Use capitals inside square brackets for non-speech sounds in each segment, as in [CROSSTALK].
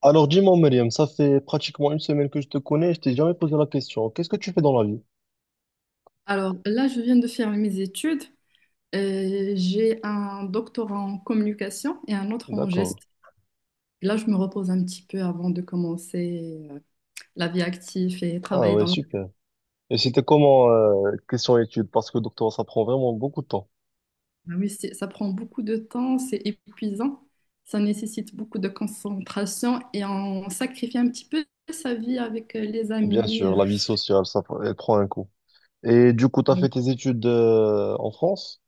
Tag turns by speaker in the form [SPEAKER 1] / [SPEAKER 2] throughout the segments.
[SPEAKER 1] Alors dis-moi, Myriam, ça fait pratiquement une semaine que je te connais, je t'ai jamais posé la question. Qu'est-ce que tu fais dans la vie?
[SPEAKER 2] Alors là, je viens de faire mes études. J'ai un doctorat en communication et un autre en gestion.
[SPEAKER 1] D'accord.
[SPEAKER 2] Là, je me repose un petit peu avant de commencer la vie active et
[SPEAKER 1] Ah
[SPEAKER 2] travailler
[SPEAKER 1] ouais,
[SPEAKER 2] dans le...
[SPEAKER 1] super. Et c'était comment question études? Parce que doctorat, ça prend vraiment beaucoup de temps.
[SPEAKER 2] Ah oui, ça prend beaucoup de temps, c'est épuisant, ça nécessite beaucoup de concentration et on sacrifie un petit peu sa vie avec les
[SPEAKER 1] Bien
[SPEAKER 2] amis.
[SPEAKER 1] sûr, la vie sociale, elle prend un coup. Et du coup, tu as fait tes études en France?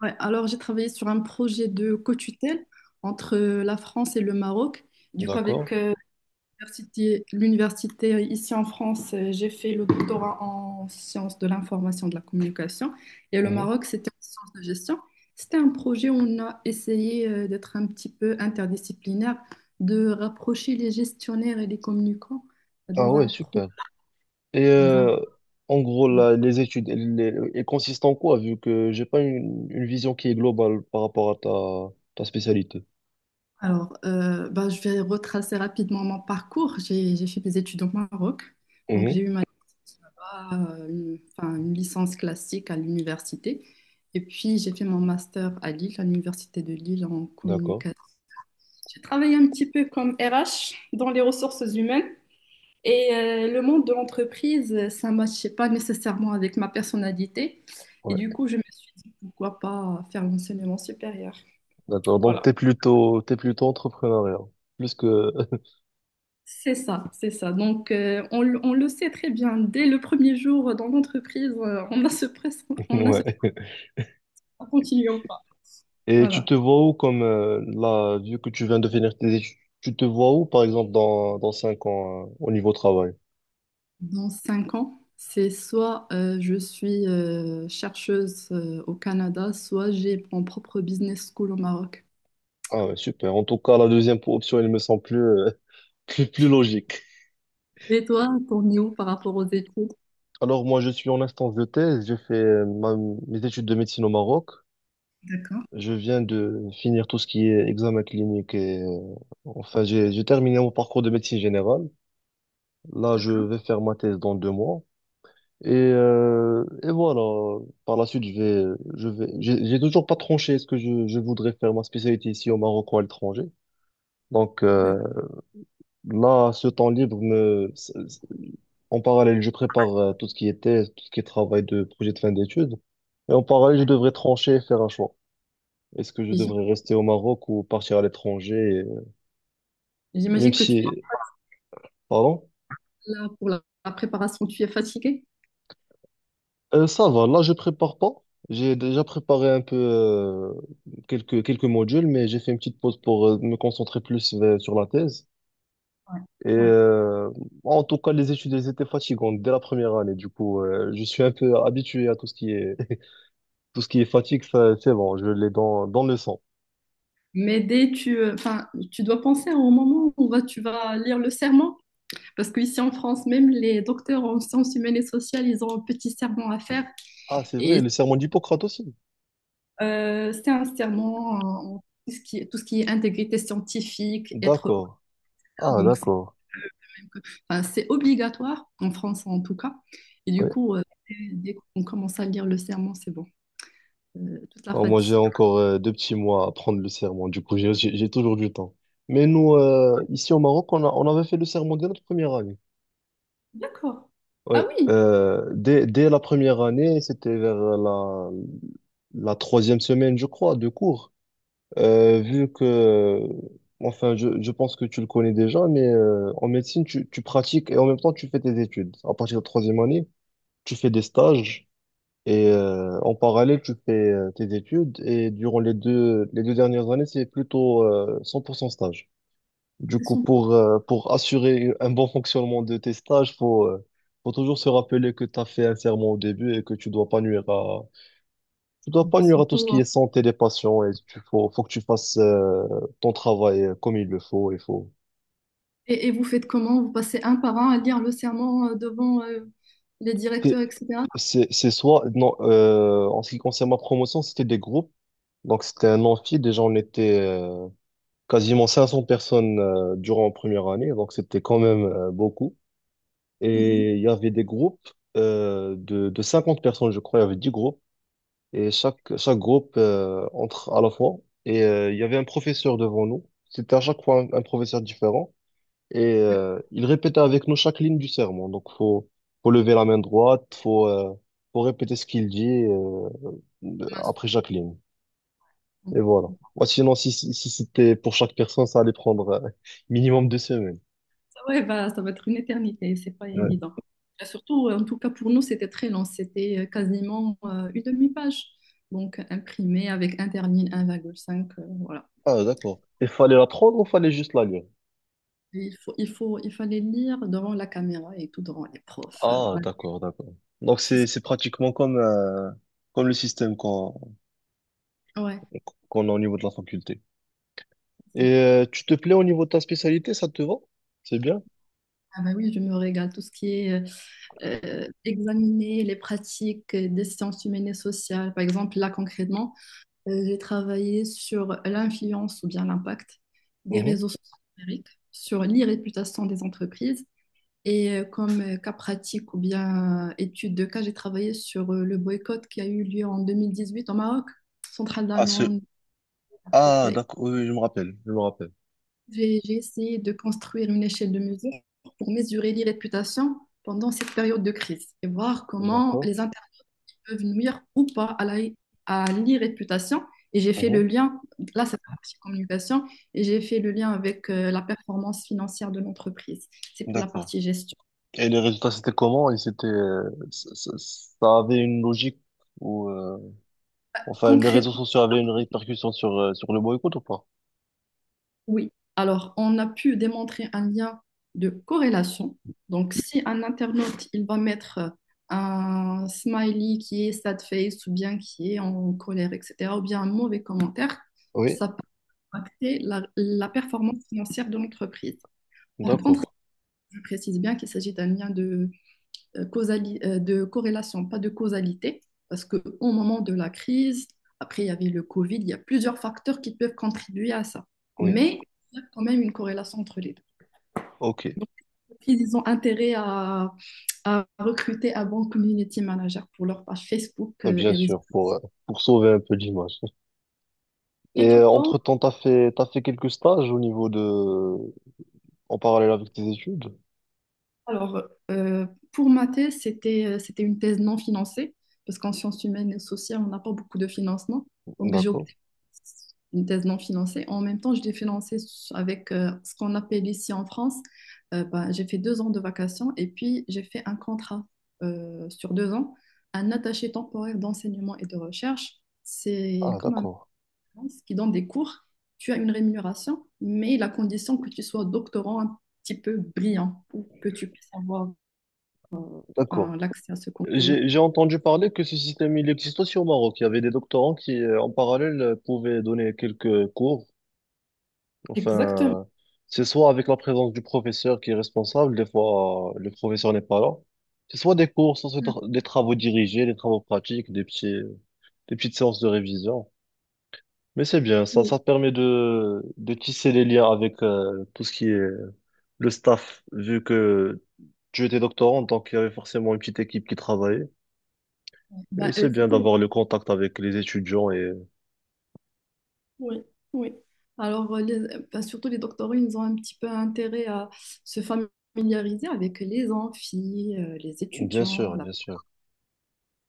[SPEAKER 2] Ouais, alors, j'ai travaillé sur un projet de co-tutelle entre la France et le Maroc. Du coup,
[SPEAKER 1] D'accord.
[SPEAKER 2] avec l'université ici en France, j'ai fait le doctorat en sciences de l'information de la communication et le
[SPEAKER 1] Mhm.
[SPEAKER 2] Maroc, c'était en sciences de gestion. C'était un projet où on a essayé d'être un petit peu interdisciplinaire, de rapprocher les gestionnaires et les communicants
[SPEAKER 1] Ah
[SPEAKER 2] dans un
[SPEAKER 1] ouais,
[SPEAKER 2] pro-
[SPEAKER 1] super. Et
[SPEAKER 2] dans un projet.
[SPEAKER 1] en gros, là, les études, elles consistent en quoi, vu que j'ai pas une vision qui est globale par rapport à ta spécialité?
[SPEAKER 2] Alors, ben, je vais retracer rapidement mon parcours. J'ai fait mes études au Maroc. Donc,
[SPEAKER 1] Mhm.
[SPEAKER 2] j'ai eu ma licence là-bas, enfin, une licence classique à l'université. Et puis, j'ai fait mon master à Lille, à l'université de Lille en
[SPEAKER 1] D'accord.
[SPEAKER 2] communication. J'ai travaillé un petit peu comme RH dans les ressources humaines et le monde de l'entreprise, ça ne matchait pas nécessairement avec ma personnalité. Et du coup, je me suis dit, pourquoi pas faire l'enseignement supérieur.
[SPEAKER 1] D'accord. Donc,
[SPEAKER 2] Voilà.
[SPEAKER 1] t'es plutôt entrepreneuriat. Plus que,
[SPEAKER 2] C'est ça, c'est ça. Donc, on le sait très bien. Dès le premier jour dans l'entreprise,
[SPEAKER 1] [LAUGHS]
[SPEAKER 2] on a ce
[SPEAKER 1] ouais.
[SPEAKER 2] continuer ou pas.
[SPEAKER 1] Et tu
[SPEAKER 2] Voilà.
[SPEAKER 1] te vois où comme, là, vu que tu viens de finir tes études, tu te vois où, par exemple, dans 5 ans, au niveau travail?
[SPEAKER 2] Dans 5 ans, c'est soit je suis chercheuse au Canada, soit j'ai mon propre business school au Maroc.
[SPEAKER 1] Ah ouais, super. En tout cas, la deuxième option, elle me semble [LAUGHS] plus logique.
[SPEAKER 2] Et toi, t'en es où par rapport aux études?
[SPEAKER 1] Alors, moi, je suis en instance de thèse. J'ai fait mes études de médecine au Maroc.
[SPEAKER 2] D'accord,
[SPEAKER 1] Je viens de finir tout ce qui est examen clinique j'ai terminé mon parcours de médecine générale. Là, je vais faire ma thèse dans 2 mois. Et voilà, par la suite, j'ai toujours pas tranché, est-ce que je voudrais faire ma spécialité ici au Maroc ou à l'étranger. Donc
[SPEAKER 2] d'accord.
[SPEAKER 1] là, ce temps libre me, c- c- en parallèle, je prépare tout ce qui est thèse, tout ce qui est travail de projet de fin d'études. Et en parallèle, je
[SPEAKER 2] Ouais.
[SPEAKER 1] devrais trancher et faire un choix. Est-ce que je
[SPEAKER 2] Et j'im-
[SPEAKER 1] devrais rester au Maroc ou partir à l'étranger, euh, même
[SPEAKER 2] J'imagine que tu
[SPEAKER 1] si, pardon?
[SPEAKER 2] es là pour la préparation, tu es fatiguée?
[SPEAKER 1] Ça va, là je prépare pas. J'ai déjà préparé un peu quelques modules, mais j'ai fait une petite pause pour me concentrer plus sur la thèse.
[SPEAKER 2] Ouais.
[SPEAKER 1] Et
[SPEAKER 2] Ouais.
[SPEAKER 1] en tout cas, les études elles étaient fatigantes dès la première année. Du coup, je suis un peu habitué à tout ce qui est [LAUGHS] tout ce qui est fatigue, ça, c'est bon, je l'ai dans le sang.
[SPEAKER 2] Mais enfin, tu dois penser au moment où tu vas lire le serment, parce qu'ici en France, même les docteurs en sciences humaines et sociales, ils ont un petit serment à faire.
[SPEAKER 1] Ah, c'est vrai,
[SPEAKER 2] Et
[SPEAKER 1] le serment d'Hippocrate aussi.
[SPEAKER 2] c'est un serment en tout ce qui est intégrité scientifique, être
[SPEAKER 1] D'accord.
[SPEAKER 2] honnête,
[SPEAKER 1] Ah,
[SPEAKER 2] donc c'est
[SPEAKER 1] d'accord.
[SPEAKER 2] enfin, c'est obligatoire, en France en tout cas. Et du
[SPEAKER 1] Ouais.
[SPEAKER 2] coup, dès qu'on commence à lire le serment, c'est bon. Toute la
[SPEAKER 1] Oh, moi, j'ai
[SPEAKER 2] fatigue.
[SPEAKER 1] encore 2 petits mois à prendre le serment. Du coup, j'ai toujours du temps. Mais nous, ici au Maroc, on avait fait le serment dès notre première année.
[SPEAKER 2] D'accord. Ah
[SPEAKER 1] Ouais.
[SPEAKER 2] oui,
[SPEAKER 1] Dès la première année, c'était vers la troisième semaine, je crois, de cours. Vu que, enfin, je pense que tu le connais déjà, mais en médecine, tu pratiques et en même temps, tu fais tes études. À partir de la troisième année, tu fais des stages. Et en parallèle, tu fais tes études et durant les deux dernières années, c'est plutôt 100% stage. Du
[SPEAKER 2] c'est
[SPEAKER 1] coup,
[SPEAKER 2] son-
[SPEAKER 1] pour assurer un bon [LAUGHS] fonctionnement de tes stages, faut toujours se rappeler que tu as fait un serment au début et que tu dois pas tu dois pas nuire à tout ce qui
[SPEAKER 2] surtout.
[SPEAKER 1] est santé des patients et faut que tu fasses ton travail comme il le faut. Il faut.
[SPEAKER 2] Et vous faites comment? Vous passez un par un à lire le serment devant les directeurs,
[SPEAKER 1] T'es-
[SPEAKER 2] etc.
[SPEAKER 1] c'est soit, non, en ce qui concerne ma promotion, c'était des groupes. Donc, c'était un amphi. Déjà, on était quasiment 500 personnes durant la première année, donc c'était quand même beaucoup.
[SPEAKER 2] Mhm.
[SPEAKER 1] Et il y avait des groupes de 50 personnes, je crois, il y avait 10 groupes, et chaque groupe entre à la fois. Et il y avait un professeur devant nous, c'était à chaque fois un professeur différent, et il répétait avec nous chaque ligne du sermon. Faut lever la main droite, faut répéter ce qu'il dit après chaque ligne. Et voilà. Moi, sinon, si c'était pour chaque personne, ça allait prendre minimum 2 semaines.
[SPEAKER 2] Ça, ouais, bah, ça va être une éternité, c'est pas
[SPEAKER 1] Ouais.
[SPEAKER 2] évident. Et surtout, en tout cas pour nous, c'était très long, c'était quasiment une demi-page. Donc imprimé avec interligne 1,5, voilà.
[SPEAKER 1] Ah, d'accord. Il fallait la prendre ou fallait juste la lire?
[SPEAKER 2] Et il fallait lire devant la caméra et tout devant les profs.
[SPEAKER 1] Ah,
[SPEAKER 2] Voilà.
[SPEAKER 1] d'accord, d'accord. Donc, c'est pratiquement comme, comme le système
[SPEAKER 2] Ouais.
[SPEAKER 1] qu'on a au niveau de la faculté. Et tu te plais au niveau de ta spécialité, ça te va? C'est bien?
[SPEAKER 2] Ah bah oui, je me régale. Tout ce qui est examiner les pratiques des sciences humaines et sociales. Par exemple, là concrètement, j'ai travaillé sur l'influence ou bien l'impact des
[SPEAKER 1] Mhm.
[SPEAKER 2] réseaux sociaux numériques sur l'irréputation des entreprises. Et comme cas pratique ou bien étude de cas, j'ai travaillé sur le boycott qui a eu lieu en 2018 au Maroc, centrale
[SPEAKER 1] Ah, ce...
[SPEAKER 2] d'Amman, Afrique.
[SPEAKER 1] Ah,
[SPEAKER 2] J'ai
[SPEAKER 1] d'accord, oui, oui, je me rappelle.
[SPEAKER 2] j'ai essayé de construire une échelle de mesure pour mesurer l'irréputation pendant cette période de crise et voir comment
[SPEAKER 1] D'accord.
[SPEAKER 2] peuvent nuire ou pas à l'irréputation. Et j'ai fait
[SPEAKER 1] Mhm.
[SPEAKER 2] le lien, là c'est la partie communication, et j'ai fait le lien avec la performance financière de l'entreprise. C'est pour la
[SPEAKER 1] D'accord.
[SPEAKER 2] partie gestion.
[SPEAKER 1] Et les résultats, c'était comment? Et ça avait une logique ou les réseaux
[SPEAKER 2] Concrètement,
[SPEAKER 1] sociaux avaient une répercussion sur, sur le boycott ou pas?
[SPEAKER 2] oui. Alors, on a pu démontrer un lien de corrélation. Donc, si un internaute, il va mettre un smiley qui est sad face ou bien qui est en colère, etc., ou bien un mauvais commentaire,
[SPEAKER 1] Oui.
[SPEAKER 2] ça peut impacter la performance financière de l'entreprise. Par contre,
[SPEAKER 1] D'accord.
[SPEAKER 2] je précise bien qu'il s'agit d'un lien de corrélation, pas de causalité, parce qu'au moment de la crise, après il y avait le Covid, il y a plusieurs facteurs qui peuvent contribuer à ça.
[SPEAKER 1] Oui.
[SPEAKER 2] Mais il y a quand même une corrélation entre les deux.
[SPEAKER 1] Ok.
[SPEAKER 2] Donc, ils ont intérêt à recruter un bon community manager pour leur page Facebook
[SPEAKER 1] Ouais, bien
[SPEAKER 2] et réseaux.
[SPEAKER 1] sûr, pour sauver un peu l'image.
[SPEAKER 2] Et
[SPEAKER 1] Et
[SPEAKER 2] toi,
[SPEAKER 1] entre-temps, t'as fait quelques stages au niveau de... en parallèle avec tes études?
[SPEAKER 2] alors, euh, pour ma thèse, c'était une thèse non financée, parce qu'en sciences humaines et sociales, on n'a pas beaucoup de financement. Donc, j'ai
[SPEAKER 1] D'accord.
[SPEAKER 2] opté pour une thèse non financée. En même temps, je l'ai financée avec ce qu'on appelle ici en France. Bah, j'ai fait 2 ans de vacations et puis j'ai fait un contrat sur 2 ans, un attaché temporaire d'enseignement et de recherche. C'est
[SPEAKER 1] Ah,
[SPEAKER 2] comme un
[SPEAKER 1] d'accord.
[SPEAKER 2] qui donnent des cours, tu as une rémunération, mais la condition que tu sois doctorant un petit peu brillant pour que tu puisses avoir
[SPEAKER 1] D'accord.
[SPEAKER 2] hein, l'accès à ce concours-là.
[SPEAKER 1] J'ai entendu parler que ce système, il existe aussi au Maroc. Il y avait des doctorants qui, en parallèle, pouvaient donner quelques cours.
[SPEAKER 2] Exactement.
[SPEAKER 1] Enfin, c'est soit avec la présence du professeur qui est responsable, des fois, le professeur n'est pas là. C'est soit des cours, soit des travaux dirigés, des travaux pratiques, des petites séances de révision. Mais c'est bien,
[SPEAKER 2] Oui.
[SPEAKER 1] ça te permet de tisser les liens avec tout ce qui est le staff, vu que tu étais doctorant, donc il y avait forcément une petite équipe qui travaillait. Et
[SPEAKER 2] Bah,
[SPEAKER 1] c'est bien
[SPEAKER 2] surtout
[SPEAKER 1] d'avoir le contact avec les étudiants et
[SPEAKER 2] oui, oui. Alors, bah, surtout les doctorants, ils ont un petit peu intérêt à se familiariser avec les amphis, les
[SPEAKER 1] bien
[SPEAKER 2] étudiants.
[SPEAKER 1] sûr, bien sûr.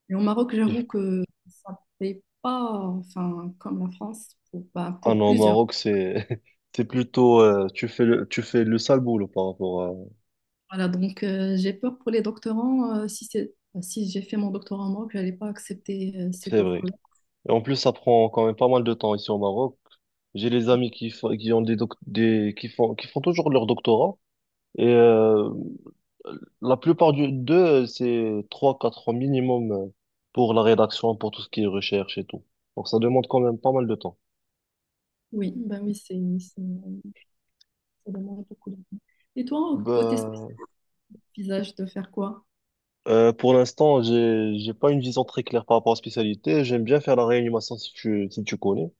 [SPEAKER 2] Et au Maroc, j'avoue
[SPEAKER 1] Et-
[SPEAKER 2] que ça ne paye pas enfin, comme la France pour, bah,
[SPEAKER 1] Ah
[SPEAKER 2] pour
[SPEAKER 1] non, au
[SPEAKER 2] plusieurs.
[SPEAKER 1] Maroc, c'est [LAUGHS] c'est plutôt tu fais le sale boulot par rapport à
[SPEAKER 2] Voilà, donc j'ai peur pour les doctorants. Si c'est, bah, si j'ai fait mon doctorat en Maroc, je n'allais pas accepter cette
[SPEAKER 1] c'est vrai.
[SPEAKER 2] offre-là.
[SPEAKER 1] Et en plus, ça prend quand même pas mal de temps ici au Maroc. J'ai les amis qui ont des doc- des qui font toujours leur doctorat et la plupart d'eux, c'est 3 4 ans minimum pour la rédaction, pour tout ce qui est recherche et tout. Donc ça demande quand même pas mal de temps.
[SPEAKER 2] Oui, ben oui, ça demande beaucoup de temps. Et toi, côté
[SPEAKER 1] Ben,
[SPEAKER 2] spécialisage, de faire quoi?
[SPEAKER 1] pour l'instant, j'ai pas une vision très claire par rapport aux spécialités. J'aime bien faire la réanimation si tu connais.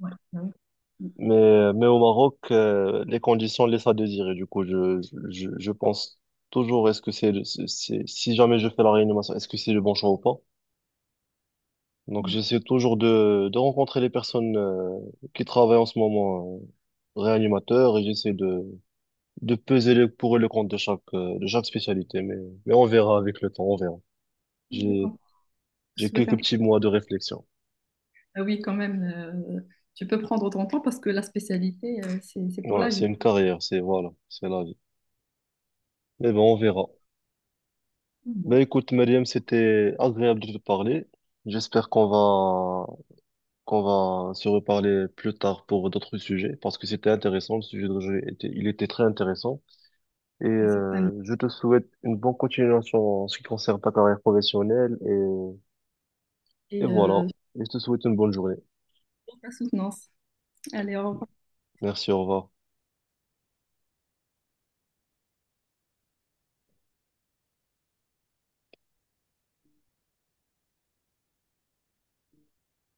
[SPEAKER 2] Ouais, ben oui.
[SPEAKER 1] Mais au Maroc, les conditions laissent à désirer. Je pense toujours, est-ce que c'est, le- c'est- si jamais je fais la réanimation, est-ce que c'est le bon choix ou pas? Donc
[SPEAKER 2] Mm,
[SPEAKER 1] j'essaie toujours de rencontrer les personnes qui travaillent en ce moment réanimateurs et j'essaie de peser le pour et le contre de de chaque spécialité. Mais on verra avec le temps, on verra.
[SPEAKER 2] mm. Je
[SPEAKER 1] J'ai,
[SPEAKER 2] comprends. Je
[SPEAKER 1] j'ai
[SPEAKER 2] souhaite
[SPEAKER 1] quelques
[SPEAKER 2] un-
[SPEAKER 1] petits mois de réflexion.
[SPEAKER 2] Ah oui, quand même, tu peux prendre ton temps parce que la spécialité, c'est pour
[SPEAKER 1] Ouais,
[SPEAKER 2] la vie.
[SPEAKER 1] c'est une carrière, c'est voilà, c'est la vie. Mais bon, on verra.
[SPEAKER 2] Bon,
[SPEAKER 1] Ben écoute, Mariam, c'était agréable de te parler. J'espère qu'on va se reparler plus tard pour d'autres sujets parce que c'était intéressant, le sujet de jeu il était très intéressant. Et
[SPEAKER 2] certainement.
[SPEAKER 1] je te souhaite une bonne continuation en ce qui concerne ta carrière professionnelle. Et
[SPEAKER 2] Et
[SPEAKER 1] voilà.
[SPEAKER 2] je
[SPEAKER 1] Et je te souhaite une bonne journée.
[SPEAKER 2] te souhaite la soutenance. Allez, au revoir.
[SPEAKER 1] Merci, au revoir.